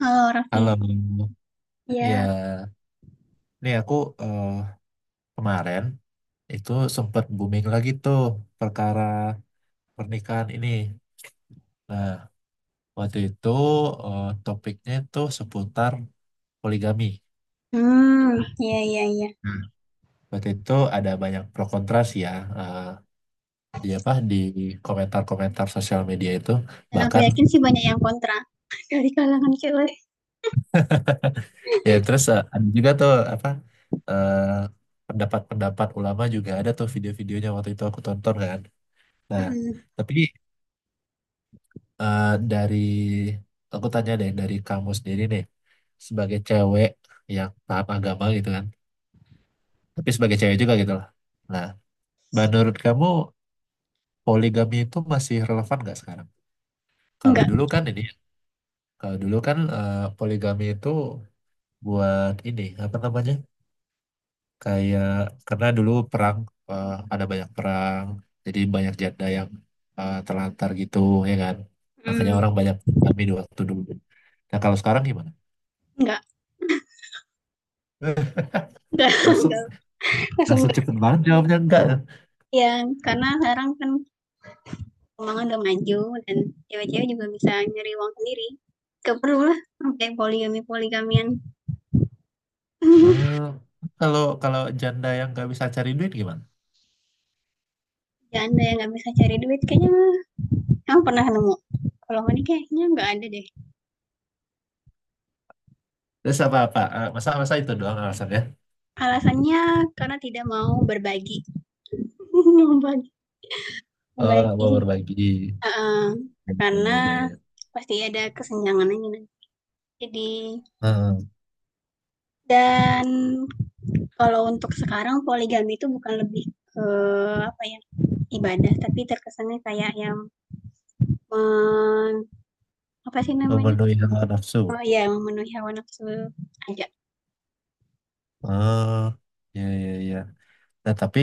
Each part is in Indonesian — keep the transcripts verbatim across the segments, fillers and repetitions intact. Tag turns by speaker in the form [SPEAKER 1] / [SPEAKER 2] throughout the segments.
[SPEAKER 1] Halo Raffi,
[SPEAKER 2] Halo,
[SPEAKER 1] iya.
[SPEAKER 2] ya, nih aku eh, kemarin itu sempat booming lagi tuh perkara pernikahan ini. Nah, waktu itu eh, topiknya itu seputar poligami.
[SPEAKER 1] Mmm, iya, iya, iya.
[SPEAKER 2] Nah, waktu itu ada banyak pro kontra sih ya. eh, di apa di komentar-komentar sosial media itu
[SPEAKER 1] Dan aku
[SPEAKER 2] bahkan
[SPEAKER 1] yakin sih banyak yang kontra dari kalangan cewek.
[SPEAKER 2] ya terus eh, ada juga tuh apa eh, pendapat-pendapat ulama juga ada tuh video-videonya waktu itu aku tonton kan. Nah,
[SPEAKER 1] Mhm.
[SPEAKER 2] tapi Eh, dari aku tanya deh dari kamu sendiri nih sebagai cewek yang paham agama gitu kan, tapi sebagai cewek juga gitu lah. Nah, menurut kamu, poligami itu masih relevan nggak sekarang? kalau
[SPEAKER 1] Enggak.
[SPEAKER 2] dulu kan ini Kalau dulu kan eh, poligami itu buat ini, apa namanya, kayak karena dulu perang, eh, ada banyak perang, jadi banyak janda yang eh, terlantar gitu, ya kan, makanya
[SPEAKER 1] mmm,
[SPEAKER 2] orang banyak poligami di waktu dulu. Nah, kalau sekarang gimana?
[SPEAKER 1] enggak enggak
[SPEAKER 2] langsung.
[SPEAKER 1] enggak, langsung
[SPEAKER 2] Langsung
[SPEAKER 1] enggak.
[SPEAKER 2] cepet banget jawabnya enggak, ya.
[SPEAKER 1] Iya, karena sekarang kan keuangan udah maju dan cewek-cewek juga bisa nyari uang sendiri, nggak perlulah sampai poligami-poligamian.
[SPEAKER 2] Eh, Kalau kalau janda yang nggak bisa cari duit gimana?
[SPEAKER 1] Ya Anda yang nggak bisa cari duit kayaknya kamu pernah nemu? Kalau ini kayaknya nggak ada deh.
[SPEAKER 2] Terus apa apa? Eh, Masa masa itu doang alasannya?
[SPEAKER 1] Alasannya karena tidak mau berbagi, membagi
[SPEAKER 2] Oh, nggak
[SPEAKER 1] membagi.
[SPEAKER 2] mau berbagi.
[SPEAKER 1] Heeh,
[SPEAKER 2] Ya ya
[SPEAKER 1] karena
[SPEAKER 2] ya ya.
[SPEAKER 1] pasti ada kesenjangannya nih. Jadi
[SPEAKER 2] Eh,
[SPEAKER 1] dan kalau untuk sekarang poligami itu bukan lebih ke apa ya, ibadah, tapi terkesannya kayak yang men apa sih namanya,
[SPEAKER 2] memenuhi hawa nafsu.
[SPEAKER 1] oh iya memenuhi hawa nafsu aja.
[SPEAKER 2] Oh, ya ya ya. Nah tapi,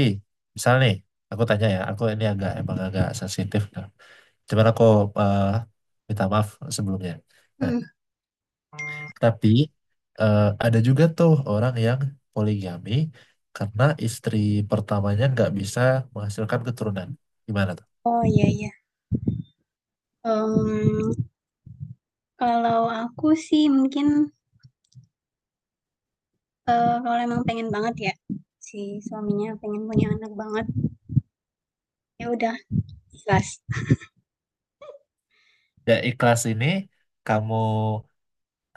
[SPEAKER 2] misal nih, aku tanya ya, aku ini agak emang agak sensitif. Nah. Cuman aku eh, minta maaf sebelumnya. Nah,
[SPEAKER 1] Mhm.
[SPEAKER 2] tapi eh, ada juga tuh orang yang poligami karena istri pertamanya nggak bisa menghasilkan keturunan. Gimana tuh?
[SPEAKER 1] Oh iya, iya, mmm, kalau aku sih mungkin, eee, kalau emang pengen banget ya, si suaminya pengen punya anak banget, ya udah ikhlas.
[SPEAKER 2] Ya ikhlas ini kamu,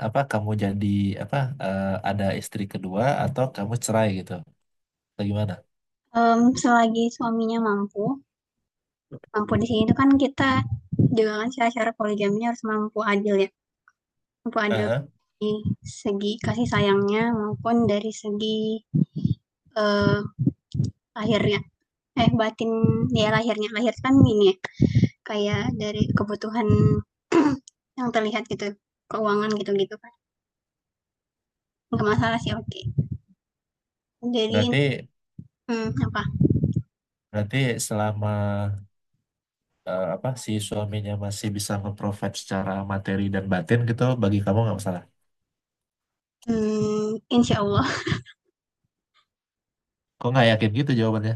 [SPEAKER 2] apa, kamu jadi apa, eh, ada istri kedua atau kamu cerai gitu, atau gimana?
[SPEAKER 1] mmm, Selagi suaminya mampu. Mampu di sini itu kan kita juga kan syarat-syarat poligaminya harus mampu adil ya, mampu adil
[SPEAKER 2] Aha.
[SPEAKER 1] di segi kasih sayangnya maupun dari segi, eee, lahirnya, eh, batin ya lahirnya. Lahir kan ini ya, kayak dari kebutuhan yang terlihat gitu, keuangan gitu-gitu kan. Nggak masalah sih, oke. Okay. Jadi
[SPEAKER 2] Berarti,
[SPEAKER 1] mmm, apa,
[SPEAKER 2] berarti selama eh, apa si suaminya masih bisa nge-provide secara materi dan batin gitu, bagi kamu nggak masalah.
[SPEAKER 1] mmm, insyaallah.
[SPEAKER 2] Kok nggak yakin gitu jawabannya?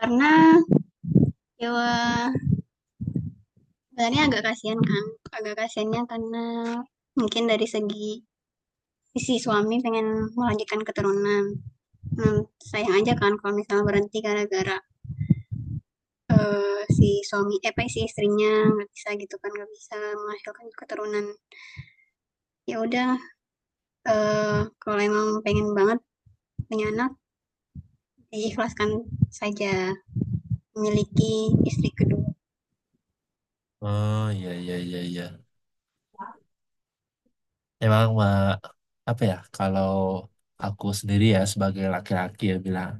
[SPEAKER 1] Karena ya sebenarnya agak kasihan kan, agak kasihannya karena mungkin dari segi si suami pengen melanjutkan keturunan. Nah, sayang aja kan kalau misalnya berhenti gara-gara eh, si suami, eh apa si istrinya nggak bisa gitu kan, nggak bisa menghasilkan keturunan. Ya udah, eh, kalau emang pengen banget punya anak, diikhlaskan saja memiliki istri kedua.
[SPEAKER 2] Oh iya iya iya iya. Emang, eh, apa ya, kalau aku sendiri ya sebagai laki-laki ya bilang,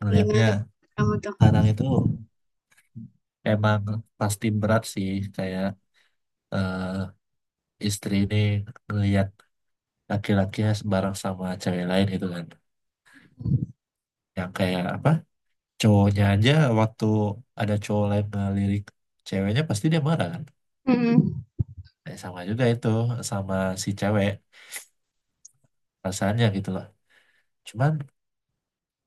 [SPEAKER 2] melihatnya
[SPEAKER 1] Gimana tuh kamu tuh?
[SPEAKER 2] kadang itu emang pasti berat sih, kayak eh, istri ini ngelihat laki-lakinya sembarang sama cewek lain gitu kan, yang kayak apa, cowoknya aja waktu ada cowok lain ngelirik ceweknya pasti dia marah kan.
[SPEAKER 1] Mm-mm.
[SPEAKER 2] Eh, sama juga itu, sama si cewek rasanya gitu loh. Cuman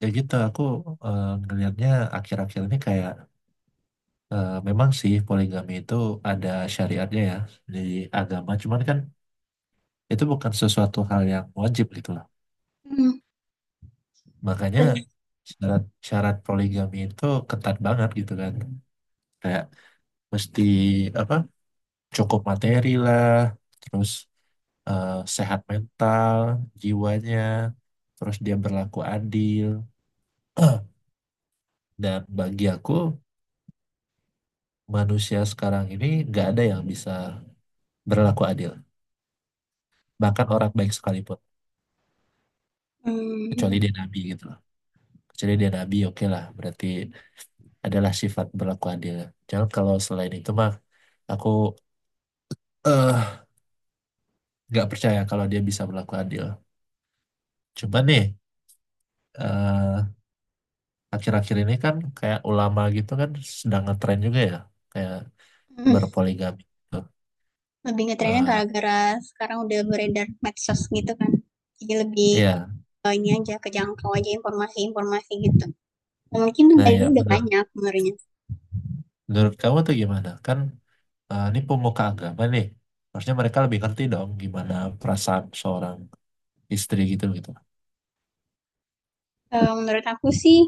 [SPEAKER 2] ya gitu, aku eh, ngelihatnya akhir-akhir ini kayak, eh, memang sih poligami itu ada syariatnya ya di agama, cuman kan itu bukan sesuatu hal yang wajib gitu lah.
[SPEAKER 1] Mm.
[SPEAKER 2] Makanya syarat syarat poligami itu ketat banget gitu kan. Kayak mesti apa, cukup materi lah, terus eh, sehat mental, jiwanya, terus dia berlaku adil. Dan bagi aku, manusia sekarang ini nggak ada yang bisa berlaku adil, bahkan orang baik sekalipun, kecuali
[SPEAKER 1] Mm.
[SPEAKER 2] dia nabi gitu. Kecuali dia nabi, oke lah. Berarti adalah sifat berlaku adil. Jangan, kalau selain itu mah, aku eh nggak percaya kalau dia bisa berlaku adil. Coba nih, eh, akhir-akhir ini kan kayak ulama gitu kan sedang ngetren juga ya, kayak
[SPEAKER 1] Mm.
[SPEAKER 2] berpoligami. Gitu.
[SPEAKER 1] Lebih ngetrennya
[SPEAKER 2] Nah,
[SPEAKER 1] gara-gara sekarang udah beredar medsos gitu kan. Jadi lebih,
[SPEAKER 2] iya,
[SPEAKER 1] Eee, ini aja, kejangkau aja informasi-informasi gitu. Eee, mungkin
[SPEAKER 2] nah
[SPEAKER 1] dari
[SPEAKER 2] ya
[SPEAKER 1] dulu udah
[SPEAKER 2] benar.
[SPEAKER 1] banyak sebenarnya.
[SPEAKER 2] Menurut kamu tuh gimana? Kan eh, ini pemuka agama nih, harusnya mereka lebih ngerti dong gimana perasaan seorang istri gitu gitu.
[SPEAKER 1] Eee, menurut aku sih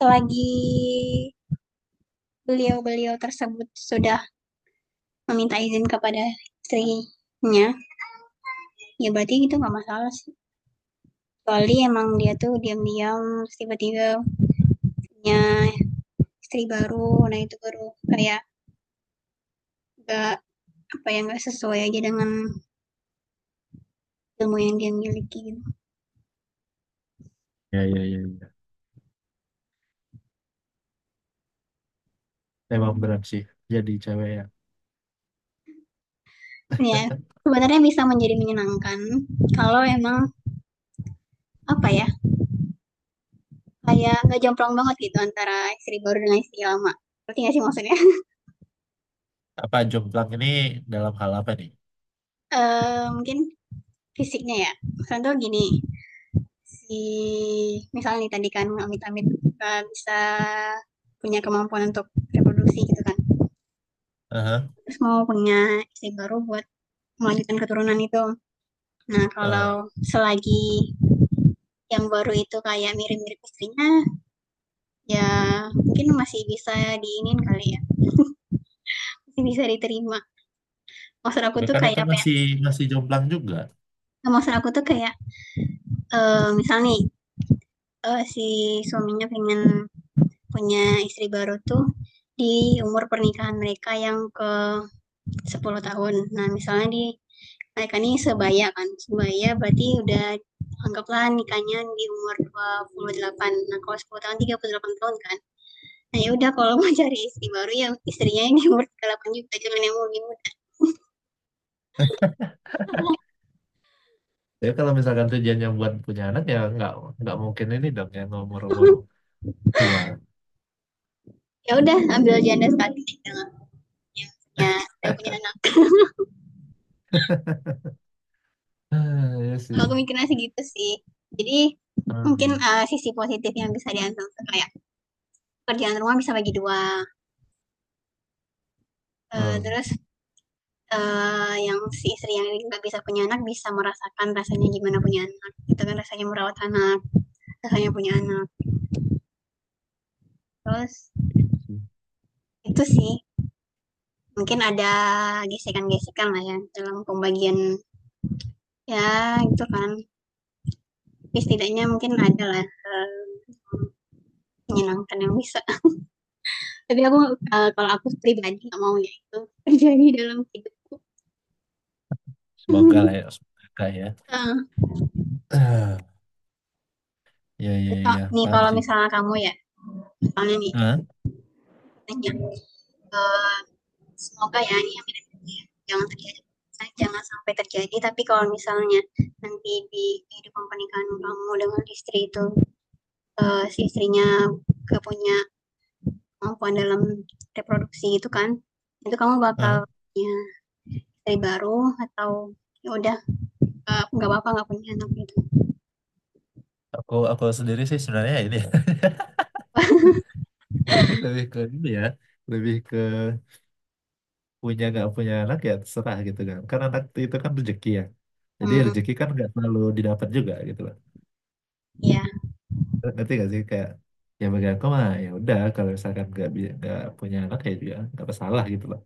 [SPEAKER 1] selagi beliau-beliau tersebut sudah meminta izin kepada istrinya, ya berarti itu nggak masalah sih. Kecuali emang dia tuh diam-diam tiba-tiba punya istri baru, nah itu baru kayak nggak, apa ya, nggak sesuai aja dengan ilmu yang dia miliki gitu.
[SPEAKER 2] Ya, ya, ya, ya. Emang berat sih jadi cewek ya.
[SPEAKER 1] Ya, sebenarnya bisa menjadi menyenangkan kalau emang, apa ya, kayak nggak jomplang banget gitu antara istri baru dengan istri lama. Berarti nggak sih maksudnya?
[SPEAKER 2] Apa jomplang ini dalam hal apa nih?
[SPEAKER 1] Eee, mungkin fisiknya ya, contoh gini, si misalnya nih tadi kan amit-amit nggak bisa punya kemampuan untuk reproduksi gitu kan,
[SPEAKER 2] Aha,
[SPEAKER 1] terus mau punya istri baru buat melanjutkan keturunan itu. Nah, kalau
[SPEAKER 2] ah.
[SPEAKER 1] selagi yang baru itu kayak mirip-mirip istrinya, ya mungkin masih bisa diiniin kali ya, masih bisa diterima. Maksud aku
[SPEAKER 2] Tapi
[SPEAKER 1] tuh
[SPEAKER 2] kan
[SPEAKER 1] kayak
[SPEAKER 2] itu
[SPEAKER 1] apa ya,
[SPEAKER 2] masih, masih jomplang juga.
[SPEAKER 1] maksud aku tuh kayak, eee, misal nih eee, si suaminya pengen punya istri baru tuh di umur pernikahan mereka yang ke sepuluh tahun. Nah, misalnya di mereka ini sebaya kan, sebaya berarti udah anggaplah nikahnya di umur dua puluh delapan. Nah, kalau sepuluh tahun tiga puluh delapan tahun kan. Nah, ya udah kalau mau cari istri baru ya istrinya yang di umur tiga puluh delapan juga, jangan yang lebih muda.
[SPEAKER 2] Jadi kalau misalkan tujuannya buat punya anak ya nggak nggak mungkin ini dong yang umur-umur tua.
[SPEAKER 1] Ya udah ambil janda statis yang punya yang punya udah punya anak.
[SPEAKER 2] Ah, iya sih.
[SPEAKER 1] Kalau aku mikirnya sih gitu sih. Jadi mungkin,
[SPEAKER 2] Hmm.
[SPEAKER 1] eee, sisi positif yang bisa diambil kayak kerjaan rumah bisa bagi dua, eee,
[SPEAKER 2] Hmm.
[SPEAKER 1] terus, eee, yang si istri yang nggak bisa punya anak bisa merasakan rasanya gimana punya anak, itu kan rasanya merawat anak, rasanya punya anak. Terus
[SPEAKER 2] Iya sih.
[SPEAKER 1] itu sih, mungkin ada gesekan-gesekan lah ya dalam pembagian ya gitu kan, tapi setidaknya mungkin ada lah, eee, menyenangkan yang bisa. Tapi aku, eee, kalau aku pribadi nggak mau ya itu terjadi dalam hidup.
[SPEAKER 2] Semoga
[SPEAKER 1] Heeh,
[SPEAKER 2] lah ya, semoga ya. Ah, ya ya
[SPEAKER 1] cocok
[SPEAKER 2] ya,
[SPEAKER 1] nih
[SPEAKER 2] paham
[SPEAKER 1] kalau
[SPEAKER 2] sih.
[SPEAKER 1] misalnya kamu ya, misalnya nih
[SPEAKER 2] Hah?
[SPEAKER 1] nanya, eee, semoga ya ini yang tidak ya, jangan terjadi misalnya jangan sampai terjadi, tapi kalau misalnya nanti di kehidupan pernikahan kamu dengan istri itu, eee, si istrinya nggak punya kemampuan dalam reproduksi gitu kan, itu kamu
[SPEAKER 2] Hah?
[SPEAKER 1] bakal punya istri baru atau ya udah, eee, nggak apa-apa nggak punya anak gitu?
[SPEAKER 2] Aku aku sendiri sih sebenarnya ini. Sendiri lebih ke ini ya, lebih ke punya nggak punya anak ya terserah gitu kan, kan anak itu kan rezeki ya, jadi
[SPEAKER 1] Mmm,
[SPEAKER 2] rezeki kan nggak selalu didapat juga gitu loh.
[SPEAKER 1] iya,
[SPEAKER 2] Ngerti gak sih, kayak ya bagi aku mah ya udah kalau misalkan nggak bi- nggak punya anak ya juga nggak masalah gitu loh.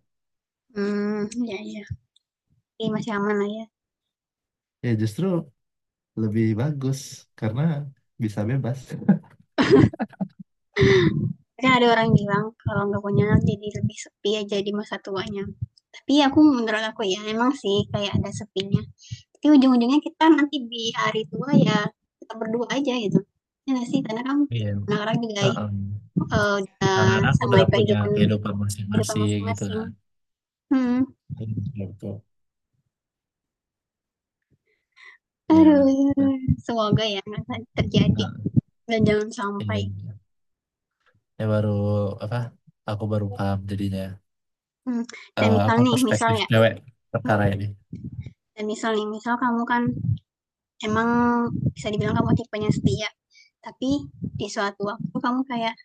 [SPEAKER 1] mmm, iya, iya. Jadi masih aman lah ya.
[SPEAKER 2] Ya justru lebih bagus karena bisa bebas.
[SPEAKER 1] Kan ada orang bilang kalau nggak punya anak jadi lebih sepi aja di masa tuanya. Tapi aku menurut aku ya emang sih kayak ada sepinya. Tapi ujung-ujungnya kita nanti di hari tua ya kita berdua aja gitu. Ya nggak sih karena kan
[SPEAKER 2] Iya,
[SPEAKER 1] anak-anak juga eh,
[SPEAKER 2] heeh. Karena
[SPEAKER 1] udah
[SPEAKER 2] anak udah
[SPEAKER 1] sama
[SPEAKER 2] punya
[SPEAKER 1] kehidupan
[SPEAKER 2] kehidupan
[SPEAKER 1] kehidupan
[SPEAKER 2] masing-masing gitu
[SPEAKER 1] masing-masing.
[SPEAKER 2] kan.
[SPEAKER 1] Hmm.
[SPEAKER 2] Iya, betul. Betul. Iya, Bang.
[SPEAKER 1] Aduh, semoga ya nggak terjadi
[SPEAKER 2] Heeh,
[SPEAKER 1] dan jangan sampai.
[SPEAKER 2] iya, iya. Ya baru apa? Aku baru paham jadinya.
[SPEAKER 1] Hmm. Dan
[SPEAKER 2] eh,
[SPEAKER 1] misal
[SPEAKER 2] apa
[SPEAKER 1] nih, misal
[SPEAKER 2] perspektif
[SPEAKER 1] ya.
[SPEAKER 2] cewek
[SPEAKER 1] Hmm.
[SPEAKER 2] perkara ini?
[SPEAKER 1] Dan misal nih, misal kamu kan emang bisa dibilang kamu tipenya setia, tapi di suatu waktu kamu kayak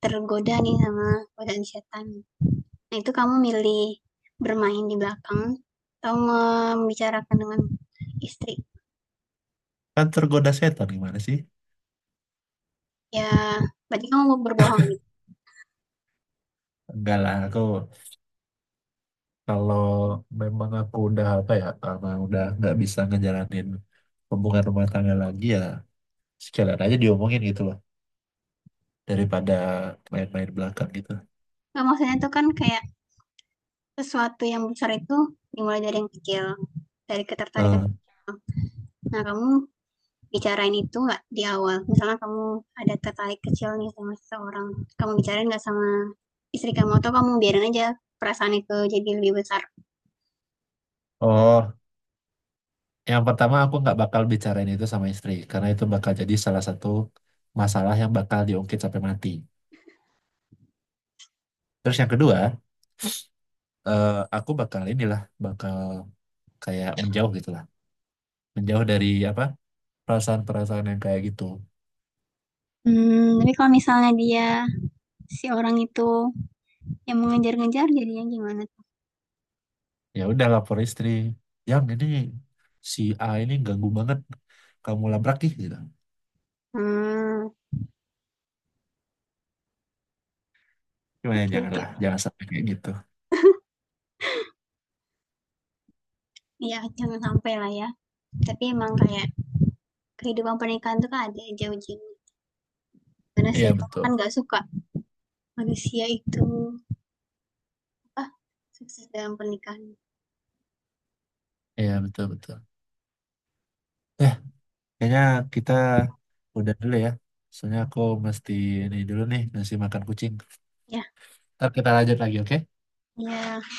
[SPEAKER 1] tergoda nih sama godaan setan. Nah, itu kamu milih bermain di belakang atau membicarakan dengan istri.
[SPEAKER 2] Kan tergoda setan gimana sih?
[SPEAKER 1] Ya, berarti kamu mau berbohong gitu.
[SPEAKER 2] Enggak lah, aku kalau memang aku udah apa ya, karena udah nggak bisa ngejalanin hubungan rumah tangga lagi ya, sekalian aja diomongin gitu loh, daripada main-main belakang gitu.
[SPEAKER 1] Nah, maksudnya itu kan kayak sesuatu yang besar itu dimulai dari yang kecil, dari ketertarikan
[SPEAKER 2] Hmm.
[SPEAKER 1] kecil. Nah, kamu bicarain itu nggak di awal? Misalnya kamu ada tertarik kecil nih sama seseorang, kamu bicarain nggak sama istri kamu atau kamu biarin aja perasaan itu jadi lebih besar?
[SPEAKER 2] Oh, yang pertama aku nggak bakal bicarain itu sama istri, karena itu bakal jadi salah satu masalah yang bakal diungkit sampai mati. Terus yang kedua, eh, aku bakal inilah, bakal kayak menjauh gitu lah, menjauh dari apa? Perasaan-perasaan yang kayak gitu.
[SPEAKER 1] Hmm, tapi kalau misalnya dia si orang itu yang mengejar-ngejar jadinya gimana?
[SPEAKER 2] Ya udah lapor istri, yang ini si A ini ganggu banget, kamu labrak ih gitu.
[SPEAKER 1] Hmm,
[SPEAKER 2] Gimana ya,
[SPEAKER 1] oke.
[SPEAKER 2] janganlah, jangan sampai kayak gitu.
[SPEAKER 1] Iya, jangan sampai lah ya. Tapi emang kayak kehidupan pernikahan tuh kan ada aja ujian. Karena
[SPEAKER 2] Iya
[SPEAKER 1] setan
[SPEAKER 2] betul.
[SPEAKER 1] kan nggak suka manusia itu apa sukses dalam pernikahan.
[SPEAKER 2] Iya betul betul. eh kayaknya kita udah dulu ya, soalnya aku mesti ini dulu nih ngasih makan kucing,
[SPEAKER 1] Ya,
[SPEAKER 2] ntar kita lanjut lagi, oke.
[SPEAKER 1] ya